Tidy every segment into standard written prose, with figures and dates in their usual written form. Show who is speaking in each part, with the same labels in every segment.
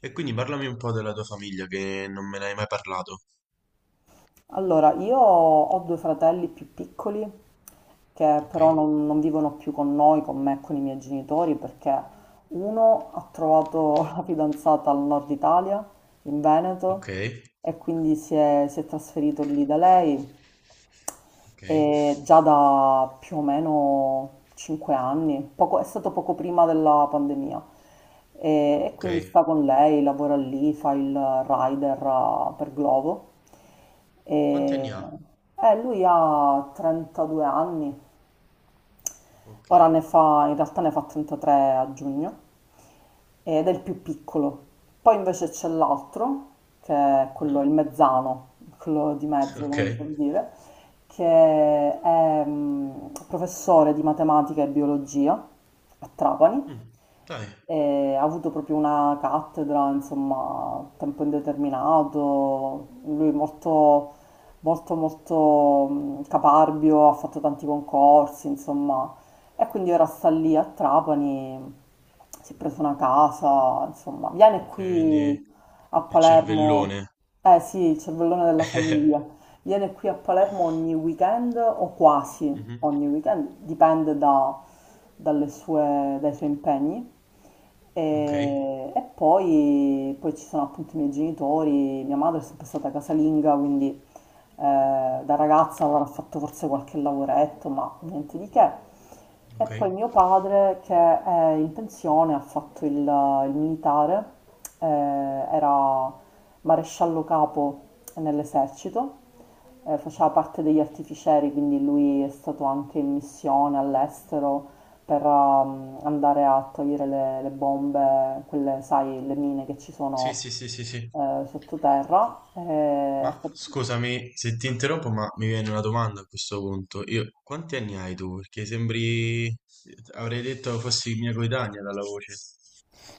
Speaker 1: E quindi parlami un po' della tua famiglia che non me ne hai mai parlato.
Speaker 2: Allora, io ho due fratelli più piccoli che
Speaker 1: Ok,
Speaker 2: però non vivono più con noi, con me e con i miei genitori, perché uno ha trovato la fidanzata al nord Italia, in
Speaker 1: ok,
Speaker 2: Veneto, e quindi si è trasferito lì da lei
Speaker 1: ok,
Speaker 2: e già da più o meno 5 anni, è stato poco prima della pandemia e
Speaker 1: ok.
Speaker 2: quindi sta con lei, lavora lì, fa il rider, per Glovo
Speaker 1: Quanti
Speaker 2: e
Speaker 1: anni ha?
Speaker 2: lui ha 32 anni.
Speaker 1: Ok,
Speaker 2: Ora ne fa, in realtà ne fa 33 a giugno, ed è il più piccolo. Poi invece c'è l'altro, che è quello,
Speaker 1: mhm,
Speaker 2: il mezzano, quello di mezzo,
Speaker 1: ok.
Speaker 2: come si può dire, che è professore di matematica e biologia a Trapani.
Speaker 1: Mm. Dai,
Speaker 2: E ha avuto proprio una cattedra, insomma, a tempo indeterminato, lui molto, molto, molto, caparbio, ha fatto tanti concorsi, insomma, e quindi ora sta lì a Trapani, si è preso una casa, insomma, viene
Speaker 1: ok, quindi
Speaker 2: qui a
Speaker 1: il
Speaker 2: Palermo,
Speaker 1: cervellone.
Speaker 2: eh sì, il cervellone della famiglia, viene qui a Palermo ogni weekend o quasi
Speaker 1: Mhm.
Speaker 2: ogni weekend, dipende dai suoi impegni.
Speaker 1: Ok,
Speaker 2: E poi, poi ci sono appunto i miei genitori, mia madre è sempre stata casalinga, quindi da ragazza avrà fatto forse qualche lavoretto, ma niente di che. E
Speaker 1: ok.
Speaker 2: poi mio padre, che è in pensione, ha fatto il militare, era maresciallo capo nell'esercito,
Speaker 1: Mhm.
Speaker 2: faceva parte degli artificieri, quindi lui è stato anche in missione all'estero per andare a togliere le bombe, quelle, sai, le mine che ci
Speaker 1: Sì,
Speaker 2: sono
Speaker 1: sì, sì, sì, sì.
Speaker 2: sottoterra.
Speaker 1: Ma scusami se ti interrompo, ma mi viene una domanda a questo punto. Io, quanti anni hai tu? Perché sembri, avrei detto fossi mia coetanea dalla voce.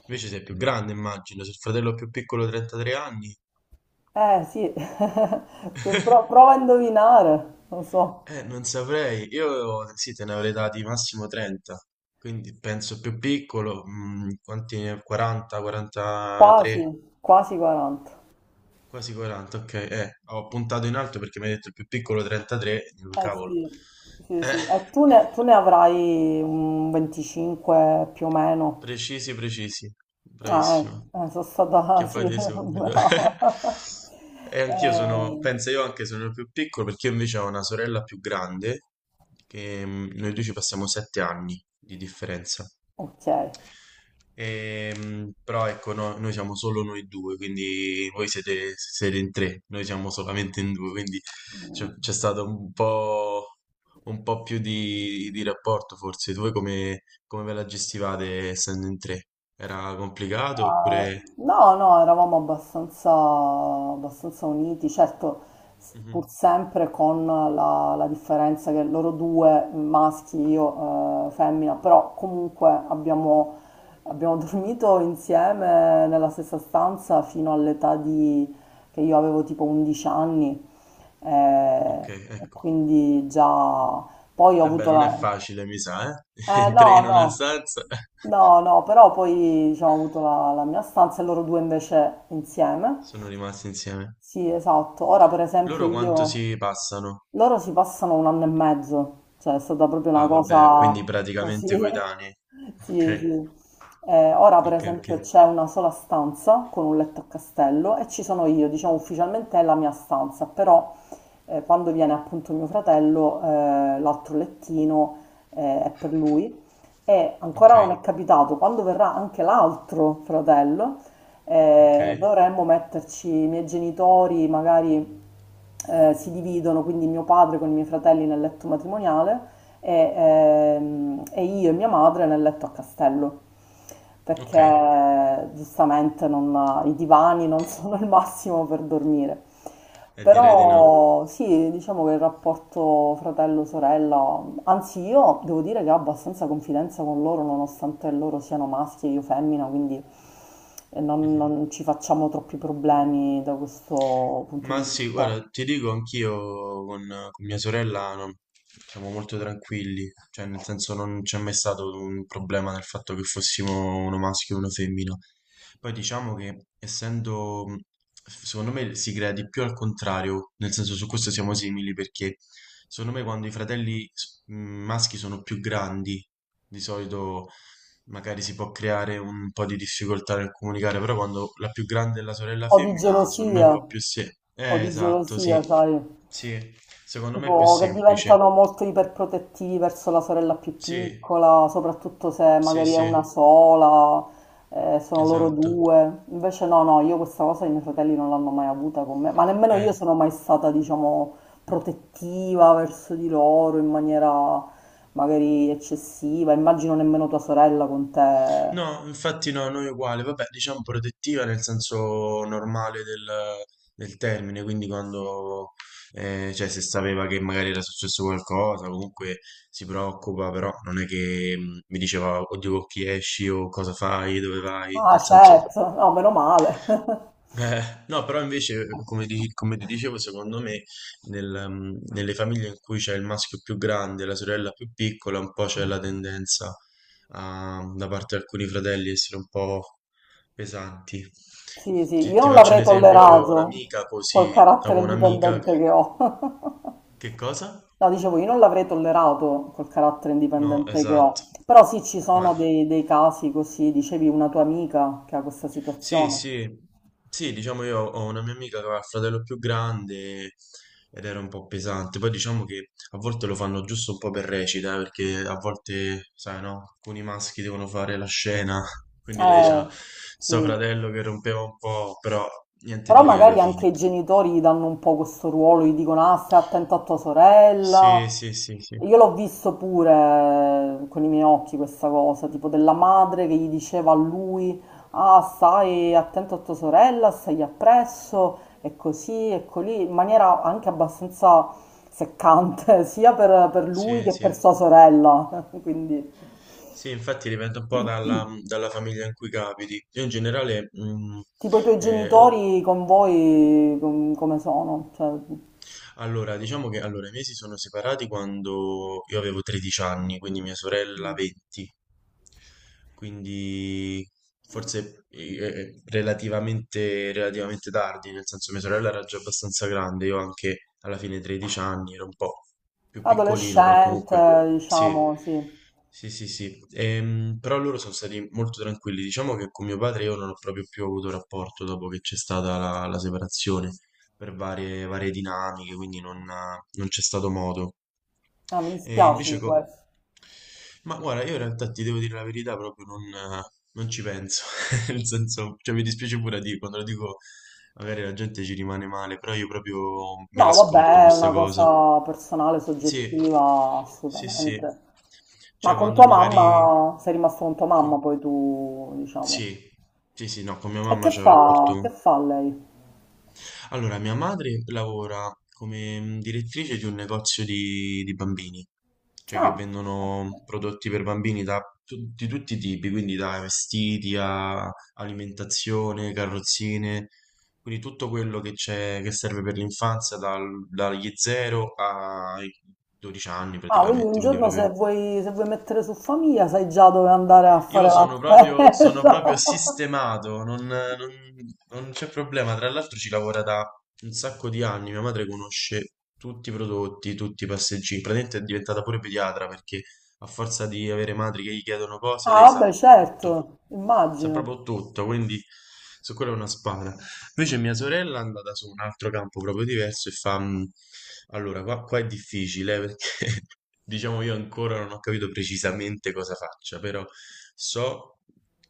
Speaker 1: Invece sei più grande, immagino. Se il fratello più piccolo 33 anni.
Speaker 2: Eh sì, Se pro- prova a indovinare, non so,
Speaker 1: Non saprei. Io sì, te ne avrei dati massimo 30. Quindi penso più piccolo, quanti 40,
Speaker 2: quasi,
Speaker 1: 43.
Speaker 2: quasi 40.
Speaker 1: Quasi 40, ok. Ho puntato in alto perché mi hai detto il più piccolo 33. Dico,
Speaker 2: Eh
Speaker 1: cavolo.
Speaker 2: sì, sì,
Speaker 1: Eh,
Speaker 2: sì. E tu ne avrai un 25 più o meno.
Speaker 1: precisi, precisi.
Speaker 2: Ah, eh,
Speaker 1: Bravissimo.
Speaker 2: sono stata,
Speaker 1: Che
Speaker 2: sì,
Speaker 1: fate subito.
Speaker 2: brava.
Speaker 1: E anch'io sono,
Speaker 2: Eh,
Speaker 1: penso io anche sono il più piccolo, perché io invece ho una sorella più grande che noi due ci passiamo 7 anni di differenza.
Speaker 2: ok.
Speaker 1: Però ecco, noi siamo solo noi due, quindi voi siete, siete in tre, noi siamo solamente in due, quindi c'è
Speaker 2: Mm.
Speaker 1: c'è stato un po' più di rapporto forse. Voi come, come ve la gestivate essendo in tre? Era complicato
Speaker 2: Ah,
Speaker 1: oppure...
Speaker 2: no, no, eravamo abbastanza, abbastanza uniti, certo, pur
Speaker 1: Mhm.
Speaker 2: sempre con la differenza che loro due maschi, io femmina, però comunque abbiamo, abbiamo dormito insieme nella stessa stanza fino all'età di, che io avevo tipo 11 anni,
Speaker 1: Ok,
Speaker 2: e
Speaker 1: ecco.
Speaker 2: quindi già poi ho
Speaker 1: Eh beh,
Speaker 2: avuto
Speaker 1: non è
Speaker 2: la...
Speaker 1: facile, mi sa, eh? In
Speaker 2: No,
Speaker 1: tre in una
Speaker 2: no,
Speaker 1: stanza.
Speaker 2: no, no, però poi diciamo, ho avuto la mia stanza e loro due invece insieme.
Speaker 1: Sono rimasti insieme.
Speaker 2: Sì, esatto. Ora, per esempio,
Speaker 1: Loro quanto
Speaker 2: io...
Speaker 1: si passano?
Speaker 2: Loro si passano un anno e mezzo, cioè è stata proprio una
Speaker 1: Ah, vabbè, quindi
Speaker 2: cosa
Speaker 1: praticamente
Speaker 2: così.
Speaker 1: coetanei.
Speaker 2: Sì,
Speaker 1: Ok,
Speaker 2: sì. Ora, per
Speaker 1: ok, ok,
Speaker 2: esempio, c'è una sola stanza con un letto a castello e ci sono io, diciamo ufficialmente è la mia stanza, però quando viene appunto mio fratello, l'altro lettino è per lui e
Speaker 1: ok,
Speaker 2: ancora non è capitato, quando verrà anche l'altro fratello
Speaker 1: ok,
Speaker 2: dovremmo metterci, i miei genitori magari si dividono, quindi mio padre con i miei fratelli nel letto matrimoniale e, e io e mia madre nel letto a castello,
Speaker 1: ok.
Speaker 2: perché giustamente i divani non sono il massimo per dormire.
Speaker 1: E direi di no.
Speaker 2: Però sì, diciamo che il rapporto fratello-sorella, anzi io devo dire che ho abbastanza confidenza con loro nonostante loro siano maschi e io femmina, quindi
Speaker 1: Mhm.
Speaker 2: non ci facciamo troppi problemi da questo punto
Speaker 1: Ma
Speaker 2: di
Speaker 1: sì,
Speaker 2: vista.
Speaker 1: guarda, ti dico anch'io con mia sorella no, siamo molto tranquilli, cioè nel senso non c'è mai stato un problema nel fatto che fossimo uno maschio e una femmina. Poi diciamo che essendo, secondo me si crea di più al contrario, nel senso su questo siamo simili, perché secondo me quando i fratelli maschi sono più grandi, di solito magari si può creare un po' di difficoltà nel comunicare, però quando la più grande è la sorella
Speaker 2: O di
Speaker 1: femmina, secondo me è
Speaker 2: gelosia.
Speaker 1: un po' più semplice.
Speaker 2: Po' di
Speaker 1: Esatto,
Speaker 2: gelosia,
Speaker 1: sì.
Speaker 2: sai,
Speaker 1: Sì, secondo me è più
Speaker 2: tipo che
Speaker 1: semplice.
Speaker 2: diventano molto iperprotettivi verso la sorella più
Speaker 1: Sì,
Speaker 2: piccola, soprattutto se
Speaker 1: sì,
Speaker 2: magari è una
Speaker 1: sì,
Speaker 2: sola, sono loro
Speaker 1: esatto.
Speaker 2: due. Invece no, no, io questa cosa i miei fratelli non l'hanno mai avuta con me, ma nemmeno io
Speaker 1: Eh.
Speaker 2: sono mai stata, diciamo, protettiva verso di loro in maniera magari eccessiva. Immagino nemmeno tua sorella con te.
Speaker 1: No, infatti no, noi uguale, vabbè, diciamo protettiva nel senso normale del, del termine, quindi quando, cioè se sapeva che magari era successo qualcosa, comunque si preoccupa, però non è che mi diceva, oddio, con chi esci o cosa fai, dove vai,
Speaker 2: Ah,
Speaker 1: nel senso...
Speaker 2: certo, no, meno male.
Speaker 1: Eh, no, però invece, come, come ti dicevo, secondo me nel, nelle famiglie in cui c'è il maschio più grande e la sorella più piccola, un po' c'è la tendenza da parte di alcuni fratelli essere un po' pesanti.
Speaker 2: Sì, sì,
Speaker 1: Ti,
Speaker 2: io
Speaker 1: ti
Speaker 2: non
Speaker 1: faccio
Speaker 2: l'avrei
Speaker 1: un esempio, io avevo
Speaker 2: tollerato
Speaker 1: un'amica
Speaker 2: col
Speaker 1: così,
Speaker 2: carattere
Speaker 1: avevo un'amica...
Speaker 2: indipendente che ho.
Speaker 1: Che cosa?
Speaker 2: No, dicevo, io non l'avrei tollerato col carattere
Speaker 1: No,
Speaker 2: indipendente che
Speaker 1: esatto.
Speaker 2: ho. Però sì, ci
Speaker 1: Ma
Speaker 2: sono dei casi così, dicevi una tua amica che ha questa
Speaker 1: sì,
Speaker 2: situazione.
Speaker 1: sì, sì, diciamo io ho una mia amica che aveva il fratello più grande ed era un po' pesante. Poi diciamo che a volte lo fanno giusto un po' per recita, perché a volte, sai, no, alcuni maschi devono fare la scena, quindi lei
Speaker 2: Eh,
Speaker 1: c'ha sto
Speaker 2: sì,
Speaker 1: fratello che rompeva un po', però niente
Speaker 2: però
Speaker 1: di che alla
Speaker 2: magari
Speaker 1: fine.
Speaker 2: anche i genitori gli danno un po' questo ruolo, gli dicono ah, stai attento a tua
Speaker 1: Sì,
Speaker 2: sorella.
Speaker 1: sì, sì, sì.
Speaker 2: Io l'ho visto pure con i miei occhi questa cosa, tipo della madre che gli diceva a lui ah, stai attento a tua sorella, stai appresso, e così, e colì, in maniera anche abbastanza seccante, sia per lui
Speaker 1: Sì,
Speaker 2: che per
Speaker 1: sì.
Speaker 2: sua sorella. Quindi,
Speaker 1: Sì, infatti dipende un po' dalla, dalla famiglia in cui capiti. Io in generale,
Speaker 2: tipo i tuoi
Speaker 1: eh,
Speaker 2: genitori con voi come sono? Cioè...
Speaker 1: allora, diciamo che i miei si sono separati quando io avevo 13 anni, quindi mia sorella
Speaker 2: mm.
Speaker 1: 20, quindi forse relativamente, relativamente tardi, nel senso mia sorella era già abbastanza grande, io anche alla fine 13 anni, ero un po' più piccolino, però comunque
Speaker 2: Adolescente,
Speaker 1: sì,
Speaker 2: diciamo, sì.
Speaker 1: sì, sì, sì. Però loro sono stati molto tranquilli, diciamo che con mio padre io non ho proprio più avuto rapporto dopo che c'è stata la separazione per varie, varie dinamiche, quindi non, non c'è stato modo.
Speaker 2: Ah, mi
Speaker 1: E
Speaker 2: dispiace
Speaker 1: invece,
Speaker 2: di questo.
Speaker 1: ma guarda, io in realtà ti devo dire la verità, proprio non, non ci penso, nel senso, cioè mi dispiace pure a dire, quando lo dico magari la gente ci rimane male, però io proprio me la
Speaker 2: No,
Speaker 1: scordo
Speaker 2: vabbè, è
Speaker 1: questa
Speaker 2: una
Speaker 1: cosa.
Speaker 2: cosa personale,
Speaker 1: Sì,
Speaker 2: soggettiva,
Speaker 1: sì, sì,
Speaker 2: assolutamente. Ma
Speaker 1: cioè
Speaker 2: con
Speaker 1: quando
Speaker 2: tua
Speaker 1: magari...
Speaker 2: mamma, sei rimasto con tua mamma
Speaker 1: com-
Speaker 2: poi tu, diciamo.
Speaker 1: Sì, sì, sì, no, con mia
Speaker 2: E
Speaker 1: mamma c'è un
Speaker 2: che
Speaker 1: rapporto.
Speaker 2: fa lei?
Speaker 1: Allora, mia madre lavora come direttrice di un negozio di bambini, cioè che
Speaker 2: Ah, ok.
Speaker 1: vendono prodotti per bambini da di tutti i tipi, quindi da vestiti a alimentazione, carrozzine, quindi tutto quello che c'è, che serve per l'infanzia dagli 0 ai 12 anni
Speaker 2: Ah, quindi un
Speaker 1: praticamente, quindi
Speaker 2: giorno se
Speaker 1: proprio
Speaker 2: vuoi, se vuoi mettere su famiglia sai già dove andare a fare
Speaker 1: io
Speaker 2: la
Speaker 1: sono
Speaker 2: spesa.
Speaker 1: proprio sistemato, non, non c'è problema. Tra l'altro ci lavora da un sacco di anni. Mia madre conosce tutti i prodotti, tutti i passeggini. Praticamente è diventata pure pediatra, perché a forza di avere madri che gli chiedono cose, lei
Speaker 2: Ah,
Speaker 1: sa
Speaker 2: vabbè,
Speaker 1: tutto.
Speaker 2: certo,
Speaker 1: Sa
Speaker 2: immagino.
Speaker 1: proprio tutto, quindi su quello è una spada. Invece mia sorella è andata su un altro campo proprio diverso e fa... Allora, qua, qua è difficile perché diciamo io ancora non ho capito precisamente cosa faccia, però so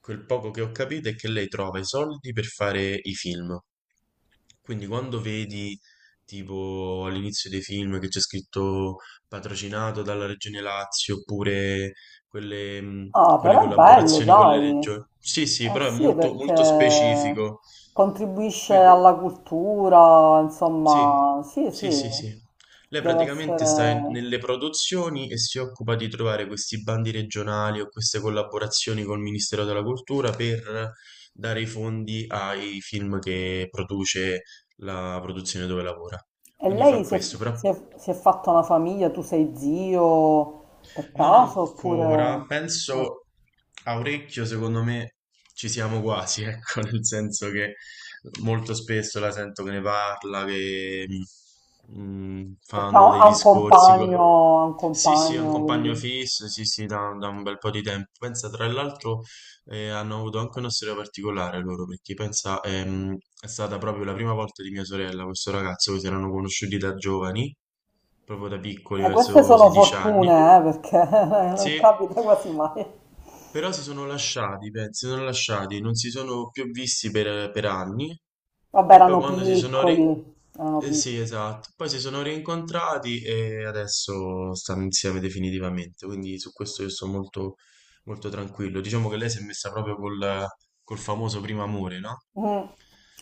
Speaker 1: quel poco che ho capito è che lei trova i soldi per fare i film. Quindi quando vedi tipo all'inizio dei film che c'è scritto patrocinato dalla Regione Lazio oppure quelle,
Speaker 2: Ah,
Speaker 1: quelle
Speaker 2: però è bello,
Speaker 1: collaborazioni con le
Speaker 2: dai.
Speaker 1: regioni. Sì, sì,
Speaker 2: Eh
Speaker 1: però è
Speaker 2: sì,
Speaker 1: molto,
Speaker 2: perché
Speaker 1: molto specifico.
Speaker 2: contribuisce
Speaker 1: Qui-
Speaker 2: alla cultura,
Speaker 1: sì,
Speaker 2: insomma, sì,
Speaker 1: sì,
Speaker 2: sì,
Speaker 1: sì, sì. Lei
Speaker 2: deve
Speaker 1: praticamente sta
Speaker 2: essere...
Speaker 1: nelle produzioni e si occupa di trovare questi bandi regionali o queste collaborazioni col Ministero della Cultura per dare i fondi ai film che produce la produzione dove lavora.
Speaker 2: E
Speaker 1: Quindi fa
Speaker 2: lei si è,
Speaker 1: questo, però
Speaker 2: si è fatta una famiglia, tu sei zio per
Speaker 1: non
Speaker 2: caso, oppure...
Speaker 1: ancora,
Speaker 2: no,
Speaker 1: penso a orecchio, secondo me ci siamo quasi, ecco, nel senso che molto spesso la sento che ne parla, che
Speaker 2: perché
Speaker 1: fanno
Speaker 2: ha,
Speaker 1: dei discorsi.
Speaker 2: ha un
Speaker 1: Sì, sì, è un
Speaker 2: compagno,
Speaker 1: compagno
Speaker 2: quindi...
Speaker 1: fisso, sì, sì, da, da un bel po' di tempo. Pensa, tra l'altro, hanno avuto anche una storia particolare loro, perché pensa, è stata proprio la prima volta di mia sorella, questo ragazzo, che si erano conosciuti da giovani, proprio da piccoli,
Speaker 2: Queste
Speaker 1: verso
Speaker 2: sono
Speaker 1: 16 anni.
Speaker 2: fortune, perché non
Speaker 1: Sì,
Speaker 2: capita quasi mai.
Speaker 1: però si sono lasciati, pensi, si sono lasciati, non si sono più visti per anni
Speaker 2: Vabbè,
Speaker 1: e poi
Speaker 2: erano
Speaker 1: quando si sono ri...
Speaker 2: piccoli, erano piccoli.
Speaker 1: sì, esatto, poi si sono rincontrati e adesso stanno insieme definitivamente, quindi su questo io sto molto, molto tranquillo. Diciamo che lei si è messa proprio col, col famoso primo amore, no?
Speaker 2: Mm.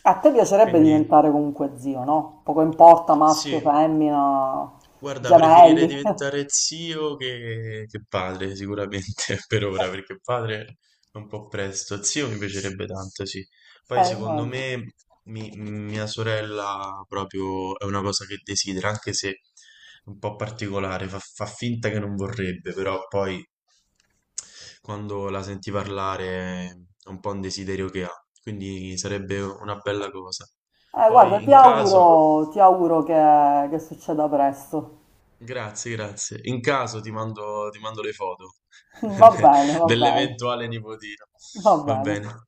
Speaker 2: A te piacerebbe
Speaker 1: Quindi...
Speaker 2: diventare comunque zio, no? Poco importa
Speaker 1: Sì,
Speaker 2: maschio, femmina,
Speaker 1: guarda, preferirei
Speaker 2: gemelli.
Speaker 1: diventare zio che padre, sicuramente, per ora, perché padre è un po' presto. Zio mi piacerebbe tanto, sì. Poi secondo
Speaker 2: Immagino.
Speaker 1: me mia sorella proprio è una cosa che desidera, anche se è un po' particolare, fa, fa finta che non vorrebbe, però poi quando la senti parlare è un po' un desiderio che ha, quindi sarebbe una bella cosa.
Speaker 2: Guarda,
Speaker 1: Poi in caso...
Speaker 2: ti auguro che succeda presto.
Speaker 1: Grazie, grazie. In caso ti mando le foto
Speaker 2: Va
Speaker 1: de-
Speaker 2: bene, va bene,
Speaker 1: dell'eventuale nipotino.
Speaker 2: va
Speaker 1: Va
Speaker 2: bene.
Speaker 1: bene.